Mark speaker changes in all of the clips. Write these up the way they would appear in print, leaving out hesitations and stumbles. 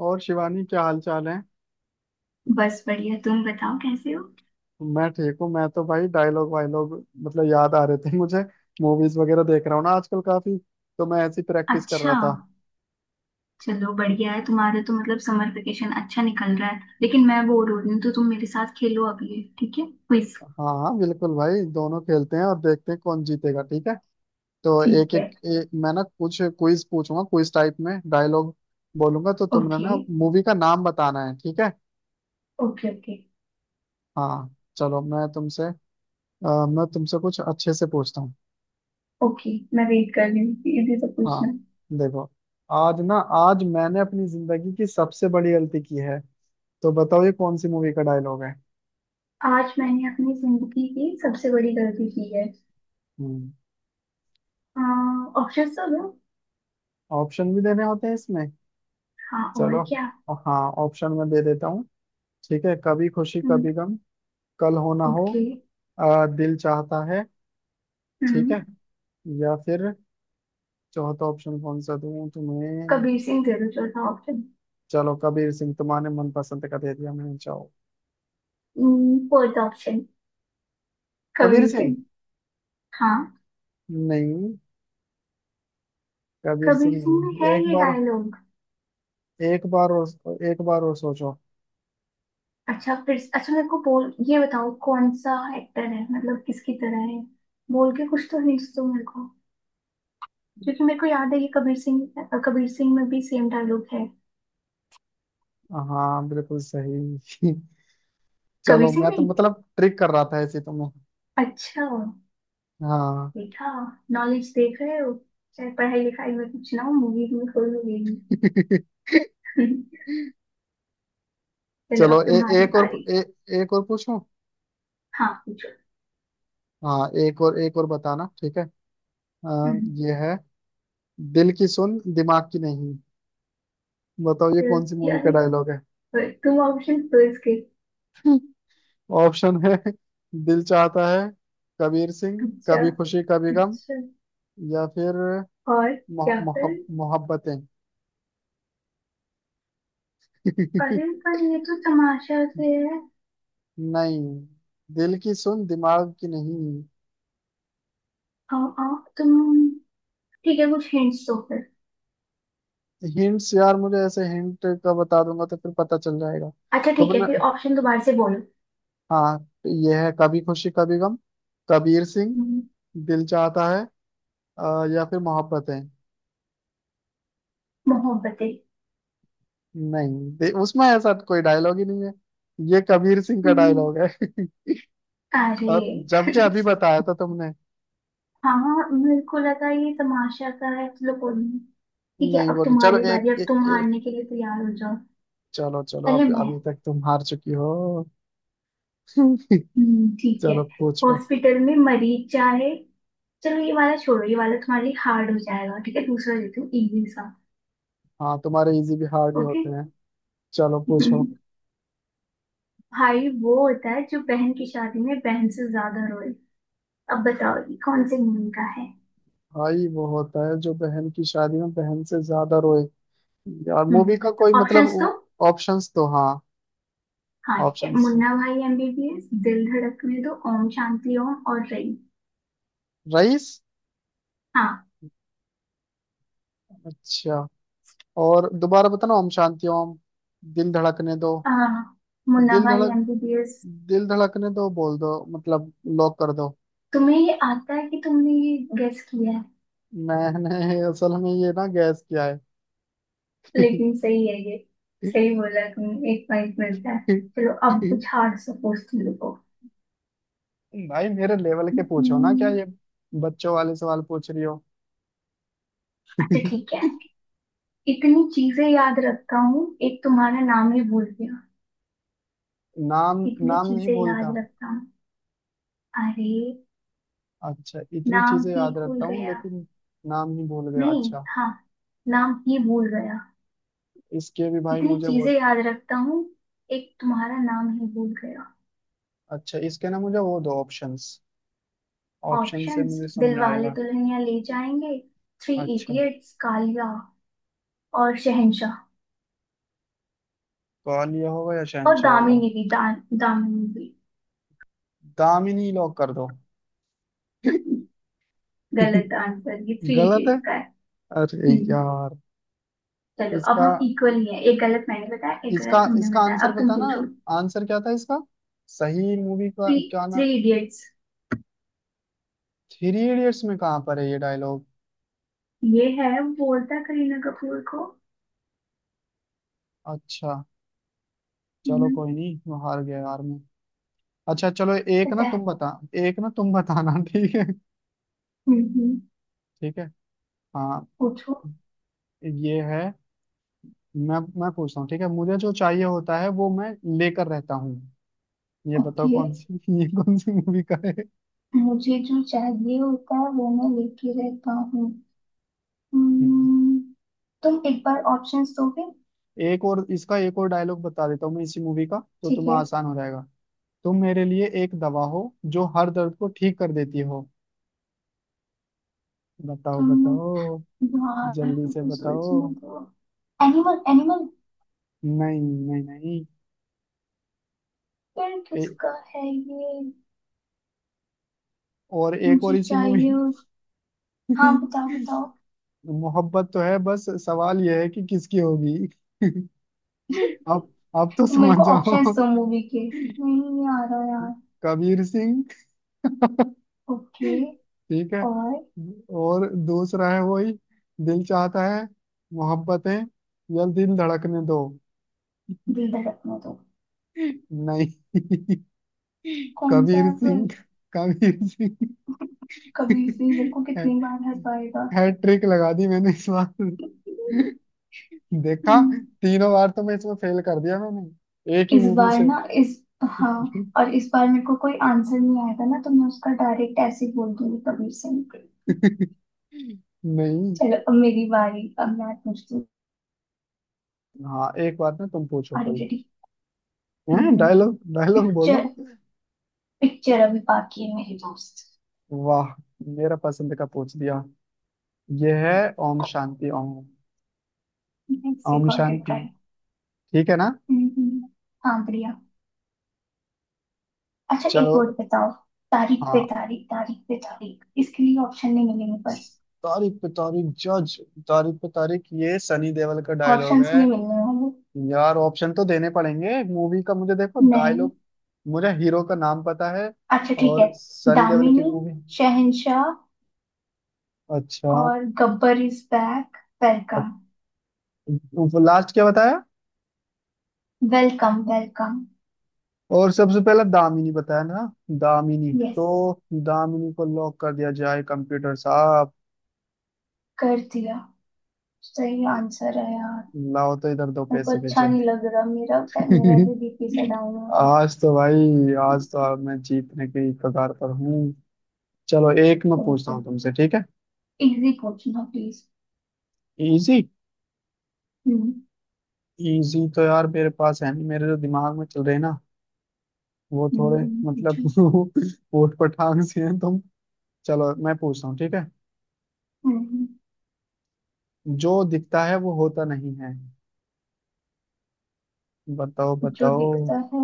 Speaker 1: और शिवानी, क्या हाल चाल है?
Speaker 2: बस बढ़िया। तुम बताओ कैसे हो।
Speaker 1: मैं ठीक हूँ। मैं तो भाई डायलॉग वायलॉग मतलब याद आ रहे थे मुझे। मूवीज वगैरह देख रहा हूँ ना आजकल काफी, तो मैं ऐसी प्रैक्टिस कर रहा
Speaker 2: अच्छा,
Speaker 1: था।
Speaker 2: चलो बढ़िया है, तुम्हारा तो मतलब समर वेकेशन अच्छा निकल रहा है, लेकिन मैं बोर हो रही हूँ तो तुम मेरे साथ खेलो अभी, ठीक है? क्विज।
Speaker 1: हाँ हाँ बिल्कुल भाई, दोनों खेलते हैं और देखते हैं कौन जीतेगा। ठीक है, तो एक
Speaker 2: ठीक
Speaker 1: एक,
Speaker 2: है।
Speaker 1: एक मैं ना कुछ क्विज पूछूंगा, क्विज टाइप में डायलॉग बोलूंगा, तो तुमने
Speaker 2: ओके।
Speaker 1: ना मूवी का नाम बताना है। ठीक है।
Speaker 2: ओके। ओके।
Speaker 1: हाँ चलो मैं तुमसे, मैं तुमसे कुछ अच्छे से पूछता हूँ।
Speaker 2: ओके। मैं वेट कर रही हूँ, ये भी तो
Speaker 1: हाँ,
Speaker 2: पूछना।
Speaker 1: देखो, आज ना, आज मैंने अपनी जिंदगी की सबसे बड़ी गलती की है। तो बताओ ये कौन सी मूवी का डायलॉग है?
Speaker 2: आज मैंने अपनी जिंदगी की सबसे बड़ी गलती की है।
Speaker 1: हम्म।
Speaker 2: ऑप्शन तो दो।
Speaker 1: ऑप्शन भी देने होते हैं इसमें?
Speaker 2: हाँ, और
Speaker 1: चलो,
Speaker 2: क्या।
Speaker 1: हाँ ऑप्शन में दे देता हूँ। ठीक है, कभी खुशी
Speaker 2: हम्म।
Speaker 1: कभी गम, कल हो ना हो,
Speaker 2: ओके।
Speaker 1: दिल चाहता है। ठीक
Speaker 2: हम्म।
Speaker 1: है, या फिर, चौथा ऑप्शन कौन सा दूँ तुम्हें?
Speaker 2: कबीर सिंह दे दो चौथा ऑप्शन।
Speaker 1: चलो कबीर सिंह तुम्हारे मनपसंद का दे दिया मैंने, चाहो।
Speaker 2: Fourth option
Speaker 1: Kabir
Speaker 2: Kabir Singh.
Speaker 1: सिंह।
Speaker 2: हाँ।
Speaker 1: नहीं, कबीर
Speaker 2: कबीर
Speaker 1: सिंह
Speaker 2: सिंह में है
Speaker 1: नहीं, एक
Speaker 2: ये
Speaker 1: बार,
Speaker 2: डायलॉग।
Speaker 1: एक बार और, एक बार और सोचो।
Speaker 2: अच्छा, फिर अच्छा, मेरे को बोल ये बताओ कौन सा एक्टर है, मतलब किसकी तरह है। बोल के कुछ तो हिंट्स दो मेरे को। क्योंकि मेरे को याद है, ये कबीर सिंह, कबीर सिंह में भी सेम डायलॉग है।
Speaker 1: हाँ बिल्कुल सही।
Speaker 2: कबीर
Speaker 1: चलो
Speaker 2: सिंह
Speaker 1: मैं
Speaker 2: में
Speaker 1: तो
Speaker 2: ही?
Speaker 1: मतलब ट्रिक कर रहा था, ऐसे तो मैं,
Speaker 2: अच्छा।
Speaker 1: हाँ।
Speaker 2: देखा। नॉलेज देख रहे हो। चाहे पढ़ाई लिखाई में कुछ ना हो, मूवी में कोई मिलेगी। चलो
Speaker 1: चलो
Speaker 2: अब तुम्हारी
Speaker 1: एक
Speaker 2: बारी।
Speaker 1: और पूछूं।
Speaker 2: हाँ पूछो।
Speaker 1: हाँ एक और, बताना ठीक है। आ,
Speaker 2: हम्म,
Speaker 1: ये है, दिल की सुन दिमाग की नहीं। बताओ ये
Speaker 2: तो
Speaker 1: कौन सी मूवी
Speaker 2: यार
Speaker 1: का डायलॉग है?
Speaker 2: तुम ऑप्शन दो इसके।
Speaker 1: ऑप्शन है, दिल चाहता है, कबीर सिंह,
Speaker 2: अच्छा।
Speaker 1: कभी खुशी कभी गम,
Speaker 2: अच्छा।
Speaker 1: या फिर
Speaker 2: और। या फिर।
Speaker 1: मोहब्बतें।
Speaker 2: अरे पर ये तो तमाशा से है।
Speaker 1: नहीं, दिल की सुन दिमाग की नहीं।
Speaker 2: आ, आ, तुम। ठीक है, कुछ हिंट्स दो फिर।
Speaker 1: हिंट्स यार, मुझे ऐसे हिंट का बता दूंगा तो फिर पता चल जाएगा।
Speaker 2: अच्छा ठीक है,
Speaker 1: तुमने,
Speaker 2: फिर ऑप्शन दोबारा से बोलो।
Speaker 1: हाँ तो ये है, कभी खुशी कभी गम, कबीर सिंह,
Speaker 2: हम्म,
Speaker 1: दिल चाहता है, या फिर मोहब्बतें।
Speaker 2: मोहब्बतें।
Speaker 1: नहीं, उसमें ऐसा कोई डायलॉग ही नहीं है। ये कबीर सिंह का
Speaker 2: हम्म,
Speaker 1: डायलॉग है। और
Speaker 2: अरे।
Speaker 1: जबकि अभी बताया था तुमने।
Speaker 2: हाँ मेरे को लगा ये तमाशा सा है, चलो कोई नहीं। ठीक है
Speaker 1: नहीं
Speaker 2: अब
Speaker 1: बोली, चलो
Speaker 2: तुम्हारी बारी,
Speaker 1: एक
Speaker 2: अब
Speaker 1: एक,
Speaker 2: तुम
Speaker 1: एक
Speaker 2: हारने के लिए तैयार हो जाओ।
Speaker 1: चलो चलो,
Speaker 2: पहले
Speaker 1: अब
Speaker 2: मैं।
Speaker 1: अभी तक तुम हार चुकी हो।
Speaker 2: ठीक है।
Speaker 1: चलो पूछो।
Speaker 2: हॉस्पिटल में मरीज चाहे। चलो ये वाला छोड़ो, ये वाला तुम्हारे लिए हार्ड हो जाएगा, ठीक है दूसरा देती हूँ इजी सा।
Speaker 1: हाँ, तुम्हारे इजी भी हार्ड ही
Speaker 2: ओके।
Speaker 1: होते हैं। चलो पूछो।
Speaker 2: भाई वो होता है जो बहन की शादी में बहन से ज्यादा रोए। अब बताओ ये कौन से मूवी का है।
Speaker 1: भाई वो होता है जो बहन की शादी में बहन से ज्यादा रोए। यार मूवी का कोई मतलब,
Speaker 2: ऑप्शंस तो।
Speaker 1: ऑप्शंस तो हाँ।
Speaker 2: हाँ ठीक है,
Speaker 1: ऑप्शंस,
Speaker 2: मुन्ना भाई एमबीबीएस, दिल धड़कने दो, ओम शांति ओम और रई।
Speaker 1: रईस।
Speaker 2: हाँ।
Speaker 1: अच्छा, और दोबारा बताना, ओम शांति ओम, दिल धड़कने दो।
Speaker 2: अ, मुन्ना
Speaker 1: दिल
Speaker 2: भाई
Speaker 1: धड़क
Speaker 2: एमबीबीएस।
Speaker 1: दिल धड़कने दो बोल दो मतलब, लॉक कर दो।
Speaker 2: तुम्हें ये आता है कि तुमने ये गेस किया है?
Speaker 1: मैंने असल में ये ना गैस किया है।
Speaker 2: लेकिन सही है ये। सही बोला तुमने, एक पॉइंट मिलता है। चलो अब कुछ हार्ड सा पूछती हूँ, रुको।
Speaker 1: भाई मेरे लेवल के पूछो ना, क्या
Speaker 2: हम्म,
Speaker 1: ये बच्चों वाले सवाल पूछ रही हो?
Speaker 2: अच्छा ठीक है। इतनी चीजें याद रखता हूँ, एक तुम्हारा नाम ही भूल गया।
Speaker 1: नाम।
Speaker 2: इतनी
Speaker 1: नाम नहीं
Speaker 2: चीजें याद
Speaker 1: भूलता।
Speaker 2: रखता हूँ। अरे।
Speaker 1: अच्छा, इतनी
Speaker 2: नाम
Speaker 1: चीजें
Speaker 2: ही
Speaker 1: याद रखता
Speaker 2: भूल
Speaker 1: हूँ
Speaker 2: गया।
Speaker 1: लेकिन, नाम ही भूल गया,
Speaker 2: नहीं,
Speaker 1: अच्छा।
Speaker 2: हाँ। नाम ही भूल गया।
Speaker 1: इसके भी भाई
Speaker 2: इतनी
Speaker 1: मुझे वो,
Speaker 2: चीजें याद रखता हूँ। एक तुम्हारा नाम ही भूल गया।
Speaker 1: अच्छा इसके ना मुझे वो दो ऑप्शंस, ऑप्शन से
Speaker 2: ऑप्शंस:
Speaker 1: मुझे समझ
Speaker 2: दिलवाले
Speaker 1: आएगा।
Speaker 2: दुल्हनिया ले जाएंगे, थ्री
Speaker 1: अच्छा,
Speaker 2: इडियट्स, कालिया और शहंशाह।
Speaker 1: ग्वालियर होगा या
Speaker 2: और
Speaker 1: शहनशाह होगा।
Speaker 2: दामिनी भी, दान दामिनी भी।
Speaker 1: दामिनी लॉक कर दो।
Speaker 2: गलत आंसर, ये थ्री
Speaker 1: गलत है,
Speaker 2: इडियट्स का है।
Speaker 1: अरे
Speaker 2: हम्म,
Speaker 1: यार।
Speaker 2: चलो अब
Speaker 1: इसका
Speaker 2: हम इक्वल ही है, एक गलत मैंने बताया, एक
Speaker 1: इसका
Speaker 2: गलत तुमने
Speaker 1: इसका
Speaker 2: बताया,
Speaker 1: आंसर
Speaker 2: अब तुम
Speaker 1: पता ना,
Speaker 2: पूछो।
Speaker 1: आंसर क्या था इसका, सही मूवी का
Speaker 2: थ्री।
Speaker 1: क्या ना।
Speaker 2: Three Idiots.
Speaker 1: थ्री इडियट्स में कहाँ पर है ये डायलॉग?
Speaker 2: ये है, बोलता करीना कपूर को।
Speaker 1: अच्छा, चलो
Speaker 2: हम्म।
Speaker 1: कोई नहीं, मैं हार गया यार मैं। अच्छा चलो एक ना
Speaker 2: पता है।
Speaker 1: तुम बता, एक ना तुम बताना। ठीक है।
Speaker 2: हम्म।
Speaker 1: ठीक है। हाँ,
Speaker 2: पूछो।
Speaker 1: ये है। मैं पूछता हूँ ठीक है, मुझे जो चाहिए होता है वो मैं लेकर रहता हूँ। ये बताओ
Speaker 2: ओके।
Speaker 1: कौन सी, ये कौन सी मूवी का है?
Speaker 2: मुझे जो चाहिए होता है वो मैं लेके रहता हूँ।
Speaker 1: हम्म।
Speaker 2: हम्म, तुम एक बार ऑप्शंस दोगे?
Speaker 1: एक और इसका, एक और डायलॉग बता देता हूँ मैं इसी मूवी का, तो
Speaker 2: ठीक
Speaker 1: तुम्हें
Speaker 2: है।
Speaker 1: आसान हो जाएगा। तुम मेरे लिए एक दवा हो, जो हर दर्द को ठीक कर देती हो। बताओ
Speaker 2: तुम।
Speaker 1: बताओ।
Speaker 2: यार
Speaker 1: जल्दी से
Speaker 2: तुमको
Speaker 1: बताओ।
Speaker 2: सोचने दो। Animal, Animal.
Speaker 1: नहीं नहीं नहीं।
Speaker 2: फिर
Speaker 1: ए,
Speaker 2: किसका है ये?
Speaker 1: और एक और
Speaker 2: मुझे
Speaker 1: इसी मूवी।
Speaker 2: चाहिए हो- हाँ बताओ बताओ।
Speaker 1: मोहब्बत तो है, बस सवाल यह है कि किसकी होगी। आप आप तो
Speaker 2: तुम मेरे
Speaker 1: समझ
Speaker 2: को
Speaker 1: जाओ।
Speaker 2: ऑप्शंस दो, मूवी के नहीं आ रहा यार।
Speaker 1: कबीर सिंह।
Speaker 2: ओके।
Speaker 1: ठीक है।
Speaker 2: और।
Speaker 1: और दूसरा है वही, दिल चाहता है, मोहब्बतें, या दिल धड़कने दो।
Speaker 2: दिल धड़कने दो।
Speaker 1: नहीं,
Speaker 2: कौन सा
Speaker 1: कबीर
Speaker 2: है फिर?
Speaker 1: सिंह, कबीर सिंग।
Speaker 2: कबीर सिंह को कितनी बार हर पाएगा?
Speaker 1: हैट्रिक लगा दी मैंने इस बार। देखा,
Speaker 2: हम्म,
Speaker 1: तीनों बार तो मैं इसमें फेल कर दिया मैंने एक ही
Speaker 2: इस
Speaker 1: मूवी
Speaker 2: बार
Speaker 1: से।
Speaker 2: ना, इस। हाँ। और इस बार मेरे को कोई आंसर नहीं आया था ना, तो मैं उसका डायरेक्ट ऐसे ही बोल दूंगी कबीर सिंह को।
Speaker 1: नहीं
Speaker 2: चलो अब मेरी बारी, अब मैं पूछती हूँ।
Speaker 1: हाँ, एक बात ना तुम पूछो
Speaker 2: आर यू
Speaker 1: कोई,
Speaker 2: रेडी?
Speaker 1: हैं डायलॉग डायलॉग बोलो।
Speaker 2: पिक्चर। पिक्चर अभी बाकी है मेरे दोस्त।
Speaker 1: वाह, मेरा पसंद का पूछ दिया। ये है Om Shanti Om.
Speaker 2: Let's see,
Speaker 1: Om
Speaker 2: got it
Speaker 1: Shanti,
Speaker 2: right.
Speaker 1: ठीक है ना।
Speaker 2: हाँ बढ़िया। अच्छा, एक
Speaker 1: चलो,
Speaker 2: वर्ड बताओ। तारीख पे
Speaker 1: हाँ।
Speaker 2: तारीख, तारीख पे तारीख, इसके लिए ऑप्शन नहीं मिलेंगे पर।
Speaker 1: तारीख पे तारीख जज, तारीख पे तारीख, ये सनी देओल का डायलॉग
Speaker 2: ऑप्शंस
Speaker 1: है।
Speaker 2: नहीं मिलने वाले।
Speaker 1: यार ऑप्शन तो देने पड़ेंगे मूवी का, मुझे देखो
Speaker 2: नहीं।
Speaker 1: डायलॉग, मुझे हीरो का नाम पता है,
Speaker 2: अच्छा ठीक है।
Speaker 1: और सनी देओल की
Speaker 2: दामिनी।
Speaker 1: मूवी।
Speaker 2: शहंशाह।
Speaker 1: अच्छा,
Speaker 2: और Gabbar Is Back. Welcome.
Speaker 1: Last क्या बताया,
Speaker 2: वेलकम वेलकम।
Speaker 1: और सबसे पहला दामिनी बताया ना। दामिनी,
Speaker 2: यस।
Speaker 1: तो दामिनी को लॉक कर दिया जाए कंप्यूटर साहब।
Speaker 2: कर दिया। सही आंसर है यार।
Speaker 1: लाओ तो इधर दो
Speaker 2: मेरे को
Speaker 1: पैसे
Speaker 2: अच्छा
Speaker 1: भेजो।
Speaker 2: नहीं लग रहा, मेरा। मेरा जो बीपी सा डाउन हो रहा है।
Speaker 1: आज तो भाई, आज तो अब मैं जीतने की कगार पर हूँ। चलो एक मैं पूछता
Speaker 2: बिल्कुल।
Speaker 1: हूँ तुमसे, ठीक है।
Speaker 2: इजी पूछना प्लीज।
Speaker 1: इजी,
Speaker 2: हम्म।
Speaker 1: इजी तो यार मेरे पास है नहीं, मेरे जो दिमाग में चल रहे हैं ना, वो थोड़े मतलब
Speaker 2: पूछो।
Speaker 1: ऊट पटांग से हैं तुम। चलो मैं पूछता हूँ ठीक है,
Speaker 2: हम्म।
Speaker 1: जो दिखता है वो होता नहीं है। बताओ
Speaker 2: जो
Speaker 1: बताओ।
Speaker 2: दिखता है।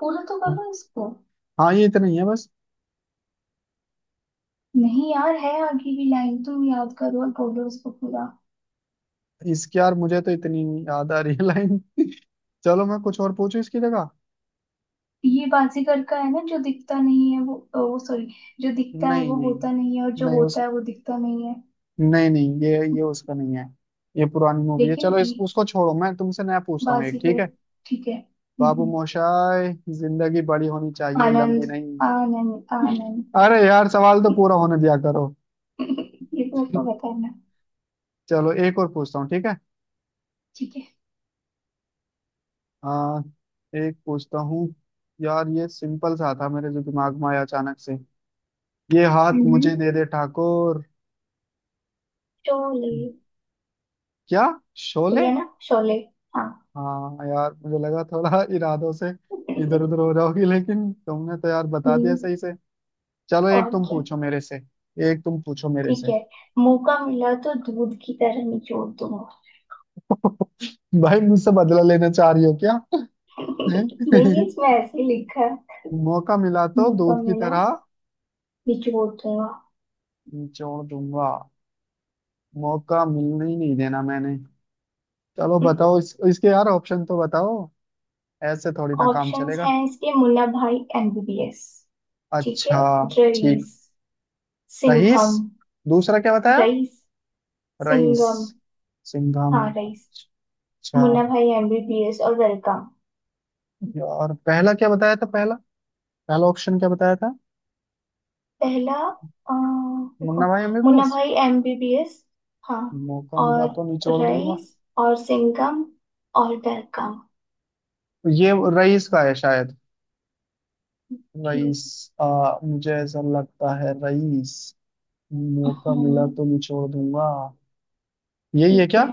Speaker 2: पूरा तो करो इसको।
Speaker 1: हाँ ये इतना ही है बस।
Speaker 2: नहीं यार, है आगे भी लाइन, तुम याद करो और बोलो उसको पूरा।
Speaker 1: इसकी यार मुझे तो इतनी याद आ रही है लाइन। चलो मैं कुछ और पूछूं इसकी जगह।
Speaker 2: ये बाजीगर का है ना, जो दिखता नहीं है वो सॉरी। जो दिखता है
Speaker 1: नहीं
Speaker 2: वो
Speaker 1: नहीं
Speaker 2: होता नहीं है, और जो
Speaker 1: नहीं,
Speaker 2: होता
Speaker 1: उस,
Speaker 2: है वो दिखता नहीं है।
Speaker 1: नहीं नहीं, ये उसका नहीं है। ये पुरानी मूवी है,
Speaker 2: लेकिन
Speaker 1: चलो
Speaker 2: ये।
Speaker 1: इस उसको छोड़ो, मैं तुमसे नया पूछता हूँ एक ठीक
Speaker 2: बाजीगर।
Speaker 1: है।
Speaker 2: ठीक है।
Speaker 1: बाबू मोशाय, जिंदगी बड़ी होनी चाहिए,
Speaker 2: आनंद।
Speaker 1: लंबी नहीं।
Speaker 2: आनंद आनंद।
Speaker 1: अरे यार, सवाल तो पूरा होने दिया करो।
Speaker 2: ये तो मेरे को बताना।
Speaker 1: चलो एक और पूछता हूँ ठीक है,
Speaker 2: ठीक है।
Speaker 1: आ, एक पूछता हूँ। यार ये सिंपल सा था, मेरे जो दिमाग में आया अचानक से। ये हाथ
Speaker 2: हम्म।
Speaker 1: मुझे दे दे ठाकुर।
Speaker 2: शोले।
Speaker 1: क्या,
Speaker 2: सही
Speaker 1: शोले?
Speaker 2: है ना, शोले? हाँ।
Speaker 1: हाँ, यार मुझे लगा थोड़ा इरादों से इधर उधर हो जाओगी, लेकिन तुमने तो यार बता दिया
Speaker 2: हम्म,
Speaker 1: सही से। चलो एक
Speaker 2: और
Speaker 1: तुम
Speaker 2: क्या।
Speaker 1: पूछो मेरे से, एक तुम पूछो मेरे
Speaker 2: ठीक
Speaker 1: से।
Speaker 2: है। मौका मिला तो दूध की तरह निचोड़ दूंगा।
Speaker 1: भाई, मुझसे बदला लेना चाह रही हो क्या?
Speaker 2: नहीं, इसमें ऐसे ही लिखा है।
Speaker 1: मौका मिला तो
Speaker 2: मौका
Speaker 1: दूध की
Speaker 2: मिला।
Speaker 1: तरह
Speaker 2: निचोड़ दूंगा।
Speaker 1: निचोड़ दूंगा। मौका मिलने ही नहीं देना मैंने। चलो बताओ, इसके यार ऑप्शन तो बताओ, ऐसे थोड़ी ना काम
Speaker 2: ऑप्शंस
Speaker 1: चलेगा।
Speaker 2: हैं इसके: मुल्ला भाई एमबीबीएस। ठीक है।
Speaker 1: अच्छा, ठीक।
Speaker 2: रईस।
Speaker 1: रईस।
Speaker 2: सिंघम।
Speaker 1: दूसरा क्या बताया,
Speaker 2: रईस।
Speaker 1: राइस,
Speaker 2: सिंघम।
Speaker 1: सिंघा में।
Speaker 2: हाँ रईस,
Speaker 1: अच्छा,
Speaker 2: मुन्ना भाई एमबीबीएस और वेलकम।
Speaker 1: यार पहला क्या बताया था, पहला पहला ऑप्शन क्या बताया था?
Speaker 2: पहला। अ, रुको।
Speaker 1: मुन्ना भाई, हमें भी।
Speaker 2: मुन्ना भाई एमबीबीएस। हाँ
Speaker 1: मौका मिला
Speaker 2: और
Speaker 1: तो निचोड़ दूंगा,
Speaker 2: रईस और सिंघम और वेलकम।
Speaker 1: ये रईस का है शायद।
Speaker 2: ठीक।
Speaker 1: रईस, मुझे ऐसा लगता है, रईस। मौका मिला
Speaker 2: हम्म,
Speaker 1: तो निचोड़ दूंगा, यही है
Speaker 2: ठीक
Speaker 1: क्या?
Speaker 2: है।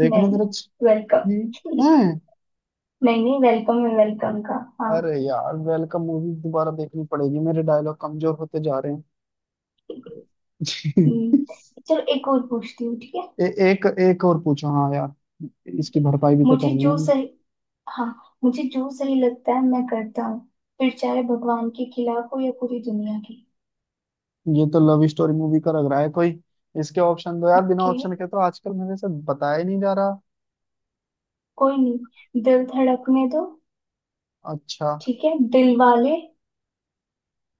Speaker 1: देखना
Speaker 2: नहीं।
Speaker 1: जरा।
Speaker 2: वेलकम।
Speaker 1: ये है।
Speaker 2: नहीं नहीं, वेलकम है वेलकम का। हाँ।
Speaker 1: अरे यार, वेलकम मूवी दोबारा देखनी पड़ेगी, मेरे डायलॉग कमजोर होते जा रहे हैं।
Speaker 2: ठीक है। हम्म, चलो एक और पूछती हूँ, ठीक है?
Speaker 1: ए, एक एक और पूछो हाँ यार, इसकी भरपाई भी तो
Speaker 2: मुझे
Speaker 1: करनी है।
Speaker 2: जो सही। हाँ, मुझे जो सही लगता है मैं करता हूँ, फिर चाहे भगवान के खिलाफ हो या पूरी दुनिया की।
Speaker 1: ये तो लव स्टोरी मूवी का लग रहा है कोई, इसके ऑप्शन दो यार, बिना
Speaker 2: ओके।
Speaker 1: ऑप्शन के तो आजकल मेरे से बताया ही नहीं जा रहा।
Speaker 2: कोई नहीं, दिल धड़कने दो।
Speaker 1: अच्छा।
Speaker 2: ठीक है, दिल वाले,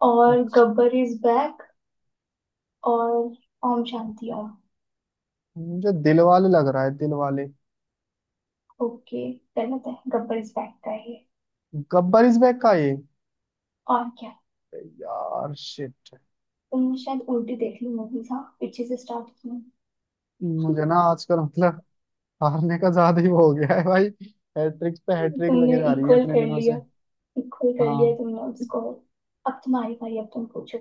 Speaker 2: और
Speaker 1: अच्छा,
Speaker 2: गब्बर इज बैक, और ओम शांति ओम।
Speaker 1: मुझे दिल वाले लग रहा है, दिल वाले।
Speaker 2: ओके। गलत है, गब्बर इज बैक का है ये।
Speaker 1: गब्बर इज बैक का ये?
Speaker 2: और क्या।
Speaker 1: यार शिट।
Speaker 2: तुमने शायद उल्टी देख ली मूवीज, हाँ पीछे से स्टार्ट की।
Speaker 1: मुझे ना आजकल मतलब हारने का ज्यादा ही वो हो गया है भाई। हैट्रिक पे हैट्रिक लगे
Speaker 2: तुमने
Speaker 1: जा रही है
Speaker 2: इक्वल
Speaker 1: इतने
Speaker 2: कर
Speaker 1: दिनों
Speaker 2: लिया।
Speaker 1: से।
Speaker 2: इक्वल कर लिया
Speaker 1: हाँ।
Speaker 2: तुमने उसको। अब तुम्हारी बारी, अब तुम पूछो।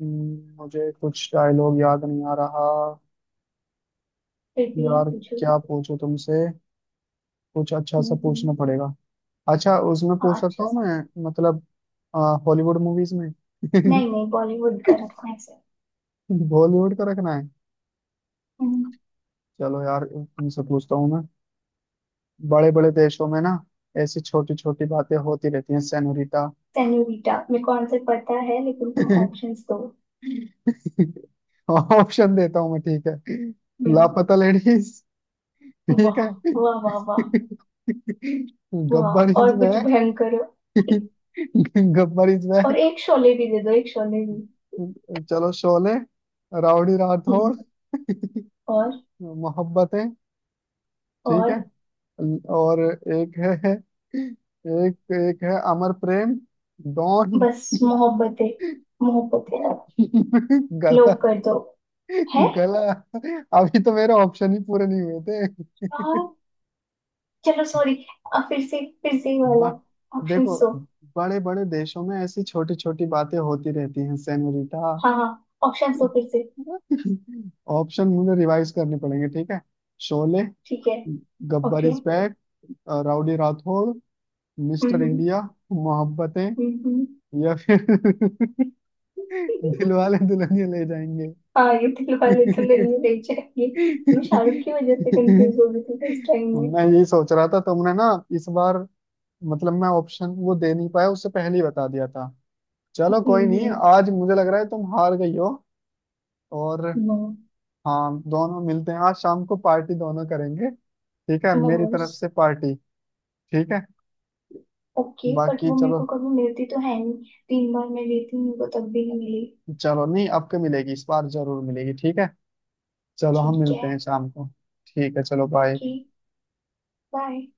Speaker 1: मुझे कुछ डायलॉग याद नहीं आ रहा।
Speaker 2: फिर भी
Speaker 1: यार,
Speaker 2: पूछो।
Speaker 1: क्या पूछो तुमसे, कुछ अच्छा सा पूछना
Speaker 2: हम्म,
Speaker 1: पड़ेगा। अच्छा, उसमें पूछ
Speaker 2: हाँ
Speaker 1: सकता
Speaker 2: अच्छा
Speaker 1: हूँ
Speaker 2: सा।
Speaker 1: मैं मतलब हॉलीवुड मूवीज में।
Speaker 2: नहीं नहीं, बॉलीवुड का रखना है सर।
Speaker 1: बॉलीवुड का रखना है। चलो यार तुमसे पूछता हूँ मैं, बड़े बड़े देशों में ना, ऐसी छोटी छोटी बातें होती रहती हैं सेनोरिटा।
Speaker 2: सेन्योरिटा मेरे को आंसर पता है, लेकिन तुम ऑप्शंस दो।
Speaker 1: ऑप्शन देता हूँ मैं, ठीक है।
Speaker 2: हम्म,
Speaker 1: लापता लेडीज, ठीक
Speaker 2: वाह,
Speaker 1: है।
Speaker 2: वाह वाह वाह। वाह,
Speaker 1: गब्बर इज
Speaker 2: और कुछ
Speaker 1: बैक।
Speaker 2: भयंकर।
Speaker 1: गब्बर इज
Speaker 2: और
Speaker 1: बैक,
Speaker 2: एक शोले भी दे दो, एक शोले भी।
Speaker 1: चलो शोले, राउडी राठौर,
Speaker 2: हम्म, और।
Speaker 1: मोहब्बतें, ठीक है,
Speaker 2: और।
Speaker 1: और एक है, एक एक है अमर प्रेम, डॉन।
Speaker 2: बस, मोहब्बतें। मोहब्बतें। लो
Speaker 1: गला,
Speaker 2: कर दो। है।
Speaker 1: गला, अभी तो मेरे ऑप्शन ही पूरे नहीं हुए थे।
Speaker 2: यार, चलो सॉरी। फिर से, फिर से ये वाला।
Speaker 1: ब,
Speaker 2: ऑप्शन
Speaker 1: देखो,
Speaker 2: दो।
Speaker 1: बड़े बड़े देशों में ऐसी छोटी छोटी बातें होती रहती हैं सेनोरिटा।
Speaker 2: हाँ हाँ। ऑप्शन दो फिर से।
Speaker 1: ऑप्शन मुझे रिवाइज करने पड़ेंगे, ठीक है। शोले,
Speaker 2: ठीक है।
Speaker 1: Gabbar
Speaker 2: okay.
Speaker 1: Is Back, Rowdy Rathore, Mister
Speaker 2: हम्म।
Speaker 1: इंडिया, मोहब्बतें,
Speaker 2: हम्म।
Speaker 1: या फिर दिलवाले दुल्हनिया ले जाएंगे।
Speaker 2: हाँ ये दिल वाले दुल्हनिया ले जाएंगे। मैं शाहरुख की वजह से कंफ्यूज हो गई थी फर्स्ट टाइम में।
Speaker 1: मैं यही सोच रहा था तुमने ना, इस बार मतलब मैं ऑप्शन वो दे नहीं पाया, उससे पहले ही बता दिया था। चलो कोई नहीं,
Speaker 2: हम्म।
Speaker 1: आज मुझे लग रहा है तुम हार गई हो। और हाँ, दोनों मिलते हैं आज शाम को, पार्टी दोनों करेंगे, ठीक है, मेरी
Speaker 2: मोमोज।
Speaker 1: तरफ से पार्टी। ठीक है,
Speaker 2: ओके, बट
Speaker 1: बाकी
Speaker 2: वो मेरे
Speaker 1: चलो।
Speaker 2: को कभी मिलती तो है नहीं। 3 बार मैं गई थी, मेरे को तब भी नहीं मिली।
Speaker 1: चलो नहीं, आपको मिलेगी, इस बार जरूर मिलेगी ठीक है। चलो हम
Speaker 2: ठीक है।
Speaker 1: मिलते हैं शाम को। ठीक है चलो बाय।
Speaker 2: ओके। बाय।